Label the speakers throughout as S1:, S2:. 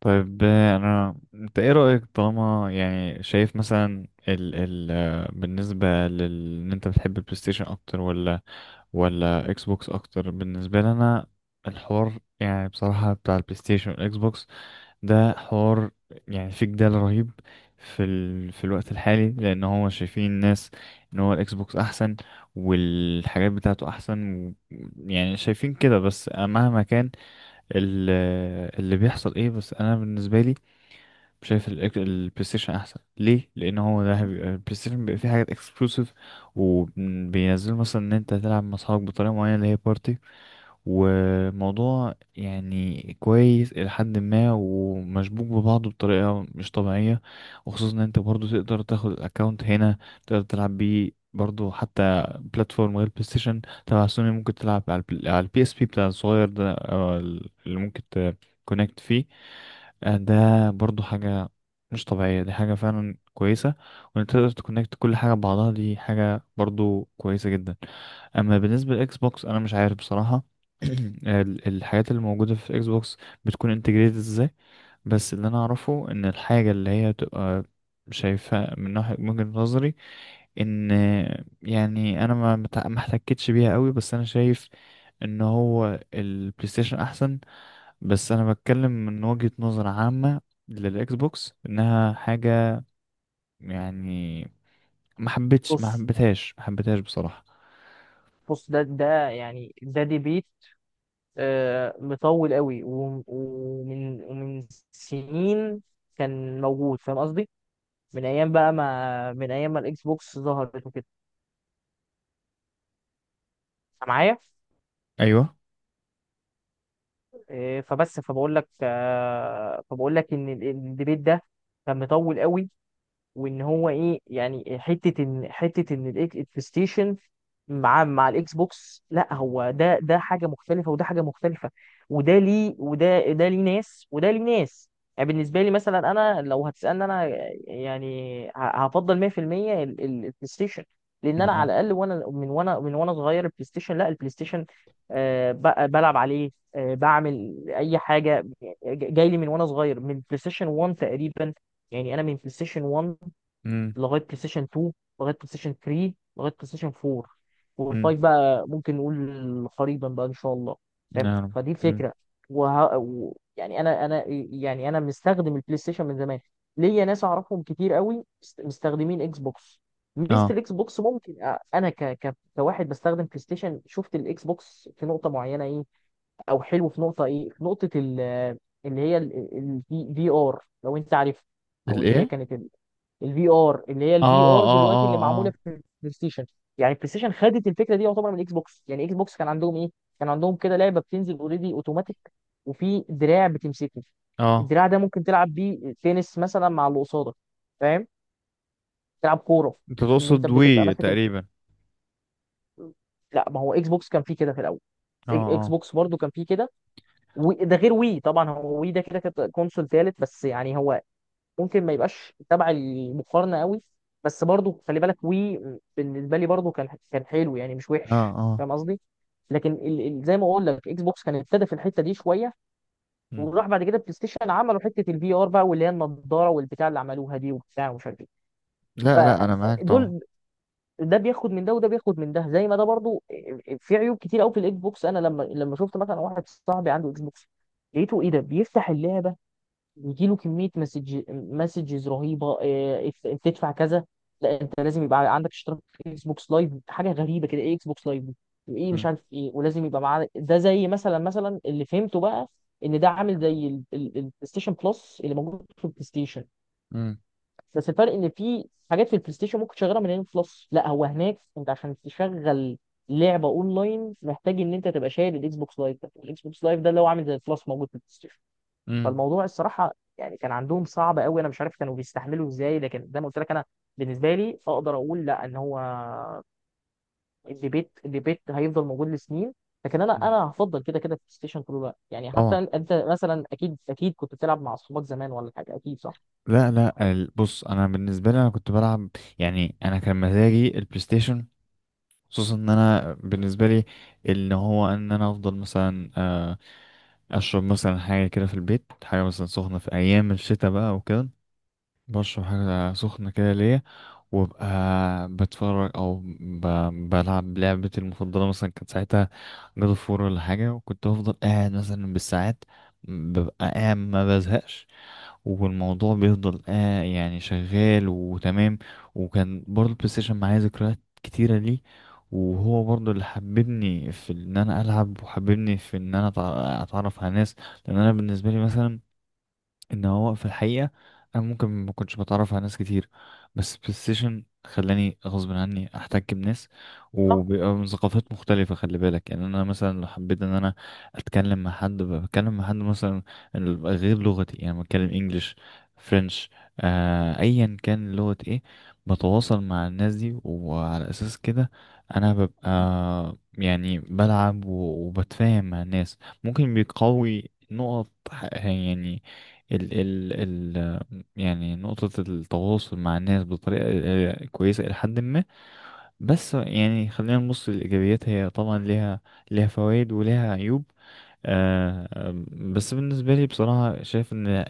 S1: طيب انت ايه رأيك؟ طالما يعني شايف مثلا ال ال آه، بالنسبة لل ان انت بتحب البلاي ستيشن اكتر ولا ولا اكس بوكس اكتر؟ بالنسبة لي انا الحوار يعني بصراحة بتاع البلاي ستيشن والاكس بوكس ده حوار، يعني في جدال رهيب في ال في الوقت الحالي، لان هو شايفين الناس ان هو الاكس بوكس احسن والحاجات بتاعته احسن يعني شايفين كده. بس مهما كان ال- اللي بيحصل ايه، بس انا بالنسبة لي شايف البلاي ستيشن احسن. ليه؟ لان هو البلاي ستيشن بيبقى فيه حاجات اكسكلوسيف وبينزلوا، مثلا ان انت تلعب مع اصحابك بطريقه معينه اللي هي بارتي، وموضوع يعني كويس الى حد ما، ومشبوك ببعضه بطريقه مش طبيعيه. وخصوصا ان انت برضو تقدر تاخد الاكونت هنا، تقدر تلعب بيه برضو حتى بلاتفورم غير بلاي ستيشن تبع سوني. ممكن تلعب على على البي اس بي بتاع الصغير ده، أو اللي ممكن تكونكت فيه. ده برضو حاجة مش طبيعية، دي حاجة فعلا كويسة. وان انت تقدر تكونكت كل حاجة ببعضها دي حاجة برضو كويسة جدا. اما بالنسبة للاكس بوكس انا مش عارف بصراحة. الحاجات اللي موجودة في الاكس بوكس بتكون انتجريتد ازاي؟ بس اللي انا اعرفه ان الحاجة اللي هي تبقى شايفها من ناحية وجهة نظري، ان يعني انا ما احتكتش بيها قوي. بس انا شايف ان هو البلاي ستيشن احسن. بس انا بتكلم من وجهة نظر عامة للاكس بوكس، انها حاجة يعني ما حبيتش ما
S2: بص،
S1: حبيتهاش ما حبيتهاش بصراحة.
S2: بص ده يعني ده ديبيت، مطول قوي ومن سنين كان موجود. فاهم قصدي؟ من ايام بقى، ما من ايام ما الاكس بوكس ظهرت وكده. أنت معايا؟
S1: ايوه.
S2: آه، فبس فبقول لك آه، فبقول لك ان الديبيت ده كان مطول قوي، وان هو ايه يعني حته ان البلايستيشن مع الاكس بوكس. لا، هو ده حاجه مختلفه وده حاجه مختلفه، وده ليه وده ليه ناس. يعني بالنسبه لي مثلا، انا لو هتسالني انا يعني هفضل 100% البلاي ستيشن، لان انا
S1: اه.
S2: على الاقل وانا صغير. البلاي ستيشن لا، البلاي ستيشن بلعب عليه، بعمل اي حاجه جاي لي من وانا صغير، من بلاي ستيشن 1 تقريبا. يعني انا من بلاي ستيشن 1
S1: امم.
S2: لغايه بلاي ستيشن 2 لغايه بلاي ستيشن 3 لغايه بلاي ستيشن 4،
S1: امم.
S2: وال5 بقى ممكن نقول قريبا بقى ان شاء الله. فاهم؟
S1: نعم.
S2: فدي
S1: امم.
S2: الفكره. وه... و... يعني انا انا يعني انا مستخدم البلاي ستيشن من زمان. ليا ناس اعرفهم كتير قوي مستخدمين اكس بوكس. ميزه
S1: اه.
S2: الاكس بوكس ممكن انا كواحد بستخدم بلاي ستيشن، شفت الاكس بوكس في نقطه معينه ايه، او حلو. في نقطه ايه، في نقطه اللي هي الفي ار، لو انت عارف، او اللي هي
S1: الايه؟
S2: كانت الفي ار. اللي هي الفي
S1: اه
S2: ار
S1: اه
S2: دلوقتي، اللي
S1: اه
S2: معموله
S1: اه.
S2: في البلاي ستيشن، يعني البلاي ستيشن خدت الفكره دي يعتبر من الاكس بوكس. يعني اكس بوكس كان عندهم ايه؟ كان عندهم كده لعبه بتنزل اوريدي اوتوماتيك، وفي دراع بتمسكه.
S1: اه.
S2: الدراع ده ممكن تلعب بيه تنس مثلا مع اللي قصادك، فاهم؟ تلعب كوره،
S1: انت
S2: ان انت
S1: تقصد
S2: بتبقى
S1: وي
S2: ماسك
S1: تقريبا؟
S2: لا، ما هو اكس بوكس كان فيه كده في الاول.
S1: اه
S2: اكس
S1: اه
S2: بوكس برضو كان فيه كده، وده غير وي طبعا. هو وي ده كده كانت كونسول ثالث، بس يعني هو ممكن ما يبقاش تبع المقارنه قوي، بس برضو خلي بالك وي بالنسبه لي برضو كان، كان حلو يعني، مش
S1: اه
S2: وحش،
S1: اه.
S2: فاهم قصدي؟ لكن زي ما اقول لك، اكس بوكس كان ابتدى في الحته دي شويه،
S1: مم.
S2: وراح بعد كده بلاي ستيشن عملوا حته الفي ار بقى، واللي هي النضاره والبتاع اللي عملوها دي، وبتاع، ومش عارف ايه.
S1: لا لا، انا معاك طبعا.
S2: فدول، ده بياخد من ده وده بياخد من ده زي ما ده برضو. في عيوب كتير قوي في الاكس بوكس. انا لما شفت مثلا واحد صاحبي عنده اكس بوكس، لقيته ايه؟ ده بيفتح اللعبه بيجيله كمية مسجز رهيبة، إنت تدفع كذا، لا انت لازم يبقى عندك اشتراك في اكس بوكس لايف. حاجة غريبة كده، ايه اكس بوكس لايف دي؟ وايه مش
S1: مم.
S2: عارف ايه، ولازم يبقى معاه ده. زي مثلا اللي فهمته بقى، ان ده عامل زي البلاي ستيشن بلس اللي موجود في البلاي ستيشن،
S1: مم.
S2: بس الفرق ان في حاجات في البلاي ستيشن ممكن تشغلها من هنا في بلس. لا، هو هناك انت عشان تشغل لعبة اونلاين محتاج ان انت تبقى شايل الاكس بوكس لايف ده. الاكس بوكس لايف ده اللي هو عامل زي البلس موجود في البلاي ستيشن.
S1: مم.
S2: فالموضوع الصراحه يعني كان عندهم صعب قوي، انا مش عارف كانوا بيستحملوا ازاي. لكن زي ما قلت لك انا، بالنسبه لي اقدر اقول، لا ان هو الديبيت هيفضل موجود لسنين، لكن انا
S1: مم.
S2: انا هفضل كده كده بلاي ستيشن طول الوقت. يعني
S1: طبعا.
S2: حتى انت، أنت مثلا اكيد كنت بتلعب مع اصحابك زمان ولا حاجه، اكيد صح؟
S1: لا لا، بص، انا بالنسبه لي انا كنت بلعب، يعني انا كان مزاجي البلاي ستيشن، خصوصا ان انا بالنسبه لي ان هو ان انا افضل مثلا اشرب مثلا حاجه كده في البيت، حاجه مثلا سخنه في ايام الشتاء بقى وكده، بشرب حاجه سخنه كده ليا، وابقى بتفرج او ب... بلعب لعبتي المفضله مثلا كانت ساعتها جاد اوف وور ولا حاجه. وكنت افضل قاعد مثلا بالساعات، ببقى قاعد ما بزهقش، والموضوع بيفضل آه يعني شغال وتمام. وكان برضه البلاي ستيشن معايا ذكريات كتيرة ليه، وهو برضه اللي حببني في ان انا العب وحببني في ان انا اتعرف على ناس. لان انا بالنسبة لي مثلا ان هو في الحقيقه انا ممكن ما كنتش بتعرف على ناس كتير، بس بلاي ستيشن خلاني غصب عني احتك بناس،
S2: صح،
S1: وبيبقى من ثقافات مختلفه. خلي بالك، يعني انا مثلا لو حبيت ان انا اتكلم مع حد، بتكلم مع حد مثلا غير لغتي، يعني بتكلم انجليش، فرنش، آه ايا كان لغه ايه، بتواصل مع الناس دي. وعلى اساس كده انا ببقى يعني بلعب وبتفاهم مع الناس. ممكن بيقوي نقط يعني ال ال ال يعني نقطة التواصل مع الناس بطريقة كويسة إلى حد ما. بس يعني خلينا نبص للإيجابيات، هي طبعا ليها ليها فوائد وليها عيوب. آه آه، بس بالنسبة لي بصراحة شايف إن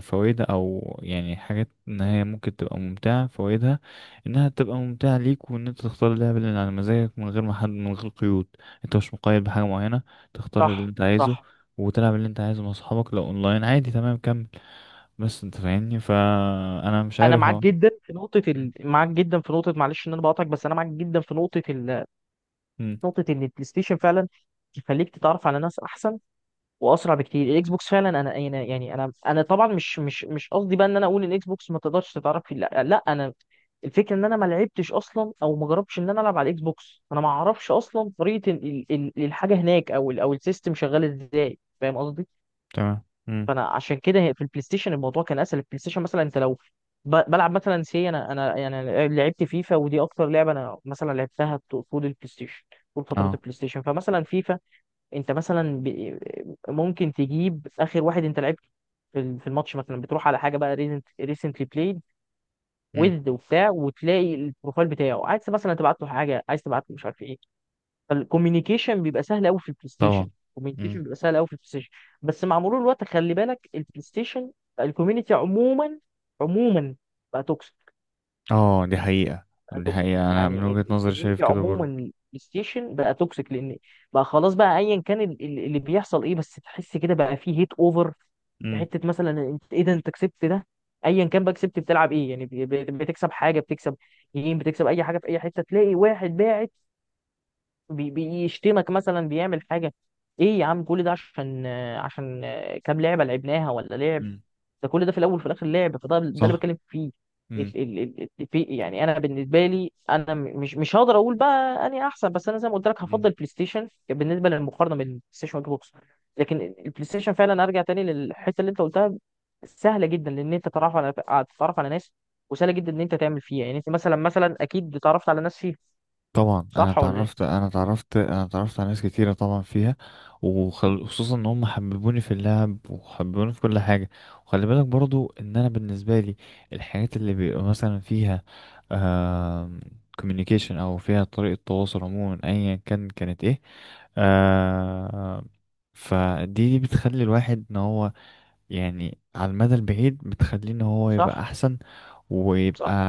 S1: فوائدها، أو يعني حاجات إن هي ممكن تبقى ممتعة، فوائدها إنها تبقى ممتعة ليك، وإن أنت تختار اللعبة اللي على مزاجك من غير ما حد من غير قيود، أنت مش مقيد بحاجة معينة، تختار اللي
S2: صح،
S1: أنت عايزه
S2: صح.
S1: وتلعب اللي أنت عايزه مع أصحابك. لو أونلاين عادي، تمام، كمل. بس انت فاهمني، فانا مش
S2: انا
S1: عارف
S2: معاك
S1: اهو.
S2: جدا في نقطه
S1: مم.
S2: معاك جدا في نقطه، معلش ان انا بقاطعك، بس انا معاك جدا في نقطه
S1: مم.
S2: نقطه ان البلاي ستيشن فعلا يخليك تتعرف على ناس احسن واسرع بكتير. الاكس بوكس فعلا انا طبعا مش قصدي بقى ان انا اقول ان الاكس بوكس ما تقدرش تتعرف فيه، لا لا. انا الفكره ان انا ما لعبتش اصلا، او ما جربتش ان انا العب على الاكس بوكس. انا ما اعرفش اصلا طريقه الحاجه هناك، او او السيستم شغال ازاي، فاهم قصدي؟
S1: تمام. مم.
S2: فانا عشان كده في البلاي ستيشن الموضوع كان اسهل. البلاي ستيشن مثلا انت لو بلعب مثلا سي، انا يعني لعبت فيفا، ودي اكتر لعبه انا مثلا لعبتها طول البلاي ستيشن، طول فترات
S1: اه.
S2: البلاي ستيشن. فمثلا فيفا انت مثلا ممكن تجيب اخر واحد انت لعبته في في الماتش مثلا، بتروح على حاجه بقى ريسنت، ريسنتلي بلايد
S1: مم.
S2: ويز وبتاع، وتلاقي البروفايل بتاعه، عايز مثلا تبعت له حاجه، عايز تبعت له مش عارف ايه. فالكوميونيكيشن بيبقى سهل قوي في البلاي ستيشن،
S1: طبعا. مم.
S2: الكوميونيكيشن بيبقى سهل قوي في البلاي ستيشن. بس مع مرور الوقت خلي بالك البلاي ستيشن، الكوميونتي عموما، عموما بقى توكسيك،
S1: اه، دي حقيقة. دي
S2: توكسيك.
S1: حقيقة، انا من
S2: يعني
S1: وجهة نظري شايف
S2: الكوميونتي
S1: كده
S2: عموما
S1: برضه.
S2: بلاي ستيشن بقى توكسيك، لان بقى خلاص بقى ايا كان اللي بيحصل ايه، بس تحس كده بقى فيه هيت اوفر. في
S1: مم.
S2: حته مثلا انت ايه ده، انت كسبت ده، ايا كان بقى كسبت بتلعب ايه، يعني بتكسب حاجه، بتكسب جيم، بتكسب اي حاجه. في اي حته تلاقي واحد باعت بيشتمك مثلا، بيعمل حاجه، ايه يا عم كل ده عشان، عشان كام لعبه لعبناها، ولا لعب.
S1: مم.
S2: ده كل ده في الاول وفي الاخر لعب، فده ده اللي
S1: صح.
S2: بتكلم فيه.
S1: مم.
S2: في يعني انا بالنسبه لي انا مش هقدر اقول بقى اني احسن، بس انا زي ما قلت لك
S1: مم.
S2: هفضل بلاي ستيشن بالنسبه للمقارنه بين بلاي ستيشن واكس بوكس. لكن البلاي ستيشن فعلا، ارجع تاني للحته اللي انت قلتها، سهله جدا لان انت تتعرف على تتعرف على ناس. وسهله جدا ان انت تعمل فيها، يعني انت مثلا، اكيد اتعرفت على ناس فيها،
S1: طبعا انا
S2: صح ولا
S1: اتعرفت
S2: ايه؟
S1: انا اتعرفت على ناس كتيره طبعا فيها، وخصوصا ان هم حببوني في اللعب وحببوني في كل حاجه. وخلي بالك برضو ان انا بالنسبه لي الحاجات اللي بيبقى مثلا فيها آه communication او فيها طريقه تواصل عموما ايا كان كانت ايه، آه فدي دي بتخلي الواحد ان هو يعني على المدى البعيد بتخليه ان هو يبقى
S2: صح،
S1: احسن ويبقى
S2: صح.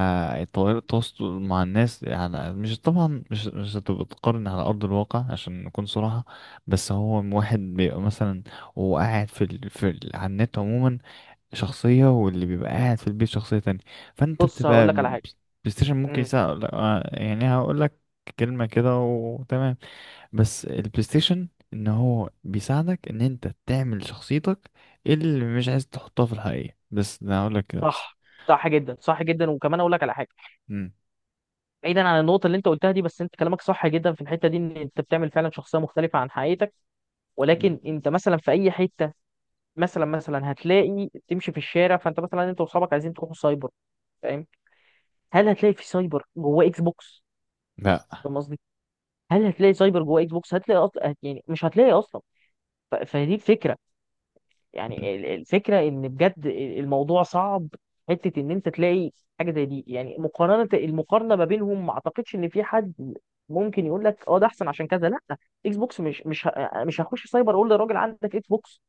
S1: الطريقة التواصل مع الناس. يعني مش طبعا مش مش هتبقى تقارن على أرض الواقع عشان نكون صراحة. بس هو واحد بيبقى مثلا وهو قاعد على النت عموما شخصية، واللي بيبقى قاعد في البيت شخصية تانية. فأنت
S2: بص هقول
S1: بتبقى
S2: لك على حاجه.
S1: بلاي ستيشن ممكن
S2: امم
S1: يساعد. لا، يعني هقول لك كلمة كده وتمام. بس البلاي ستيشن إن هو بيساعدك إن أنت تعمل شخصيتك اللي مش عايز تحطها في الحقيقة. بس ده هقول لك كده بس.
S2: صح، صح جدا، صح جدا. وكمان اقول لك على حاجه،
S1: مم.
S2: بعيدا عن النقطه اللي انت قلتها دي، بس انت كلامك صح جدا في الحته دي، ان انت بتعمل فعلا شخصيه مختلفه عن حقيقتك.
S1: مم.
S2: ولكن انت مثلا في اي حته، مثلا هتلاقي تمشي في الشارع، فانت مثلا انت واصحابك عايزين تروحوا سايبر، فاهم؟ هل هتلاقي في سايبر جواه اكس بوكس؟
S1: لا.
S2: فاهم قصدي؟ هل هتلاقي سايبر جواه اكس بوكس؟ هتلاقي أصلا؟ يعني مش هتلاقي اصلا. فدي الفكره،
S1: مم.
S2: يعني الفكره ان بجد الموضوع صعب. حته ان انت تلاقي حاجه زي دي، يعني المقارنه ما بينهم ما اعتقدش ان في حد ممكن يقول لك اه ده احسن عشان كذا، لا. اكس بوكس مش هخش سايبر اقول للراجل عندك اكس بوكس،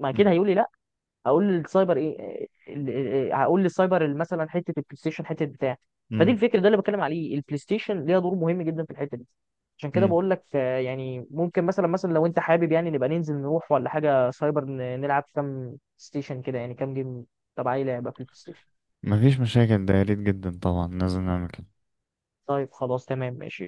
S2: ما كده
S1: مم.
S2: هيقول لي لا. هقول للسايبر ايه هقول للسايبر مثلا حته البلاي ستيشن، حته بتاع. فدي
S1: مم.
S2: الفكره، ده اللي بتكلم عليه، البلاي ستيشن ليها دور مهم جدا في الحته دي. عشان كده
S1: مم.
S2: بقول لك، يعني ممكن، مثلا، لو انت حابب يعني نبقى ننزل نروح ولا حاجه سايبر، نلعب كام ستيشن كده، يعني كام جيم تبع اي لعبه في البلاي ستيشن.
S1: مفيش مشاكل، ده يا ريت جدا، طبعا لازم نعمل كده.
S2: طيب خلاص، تمام ماشي.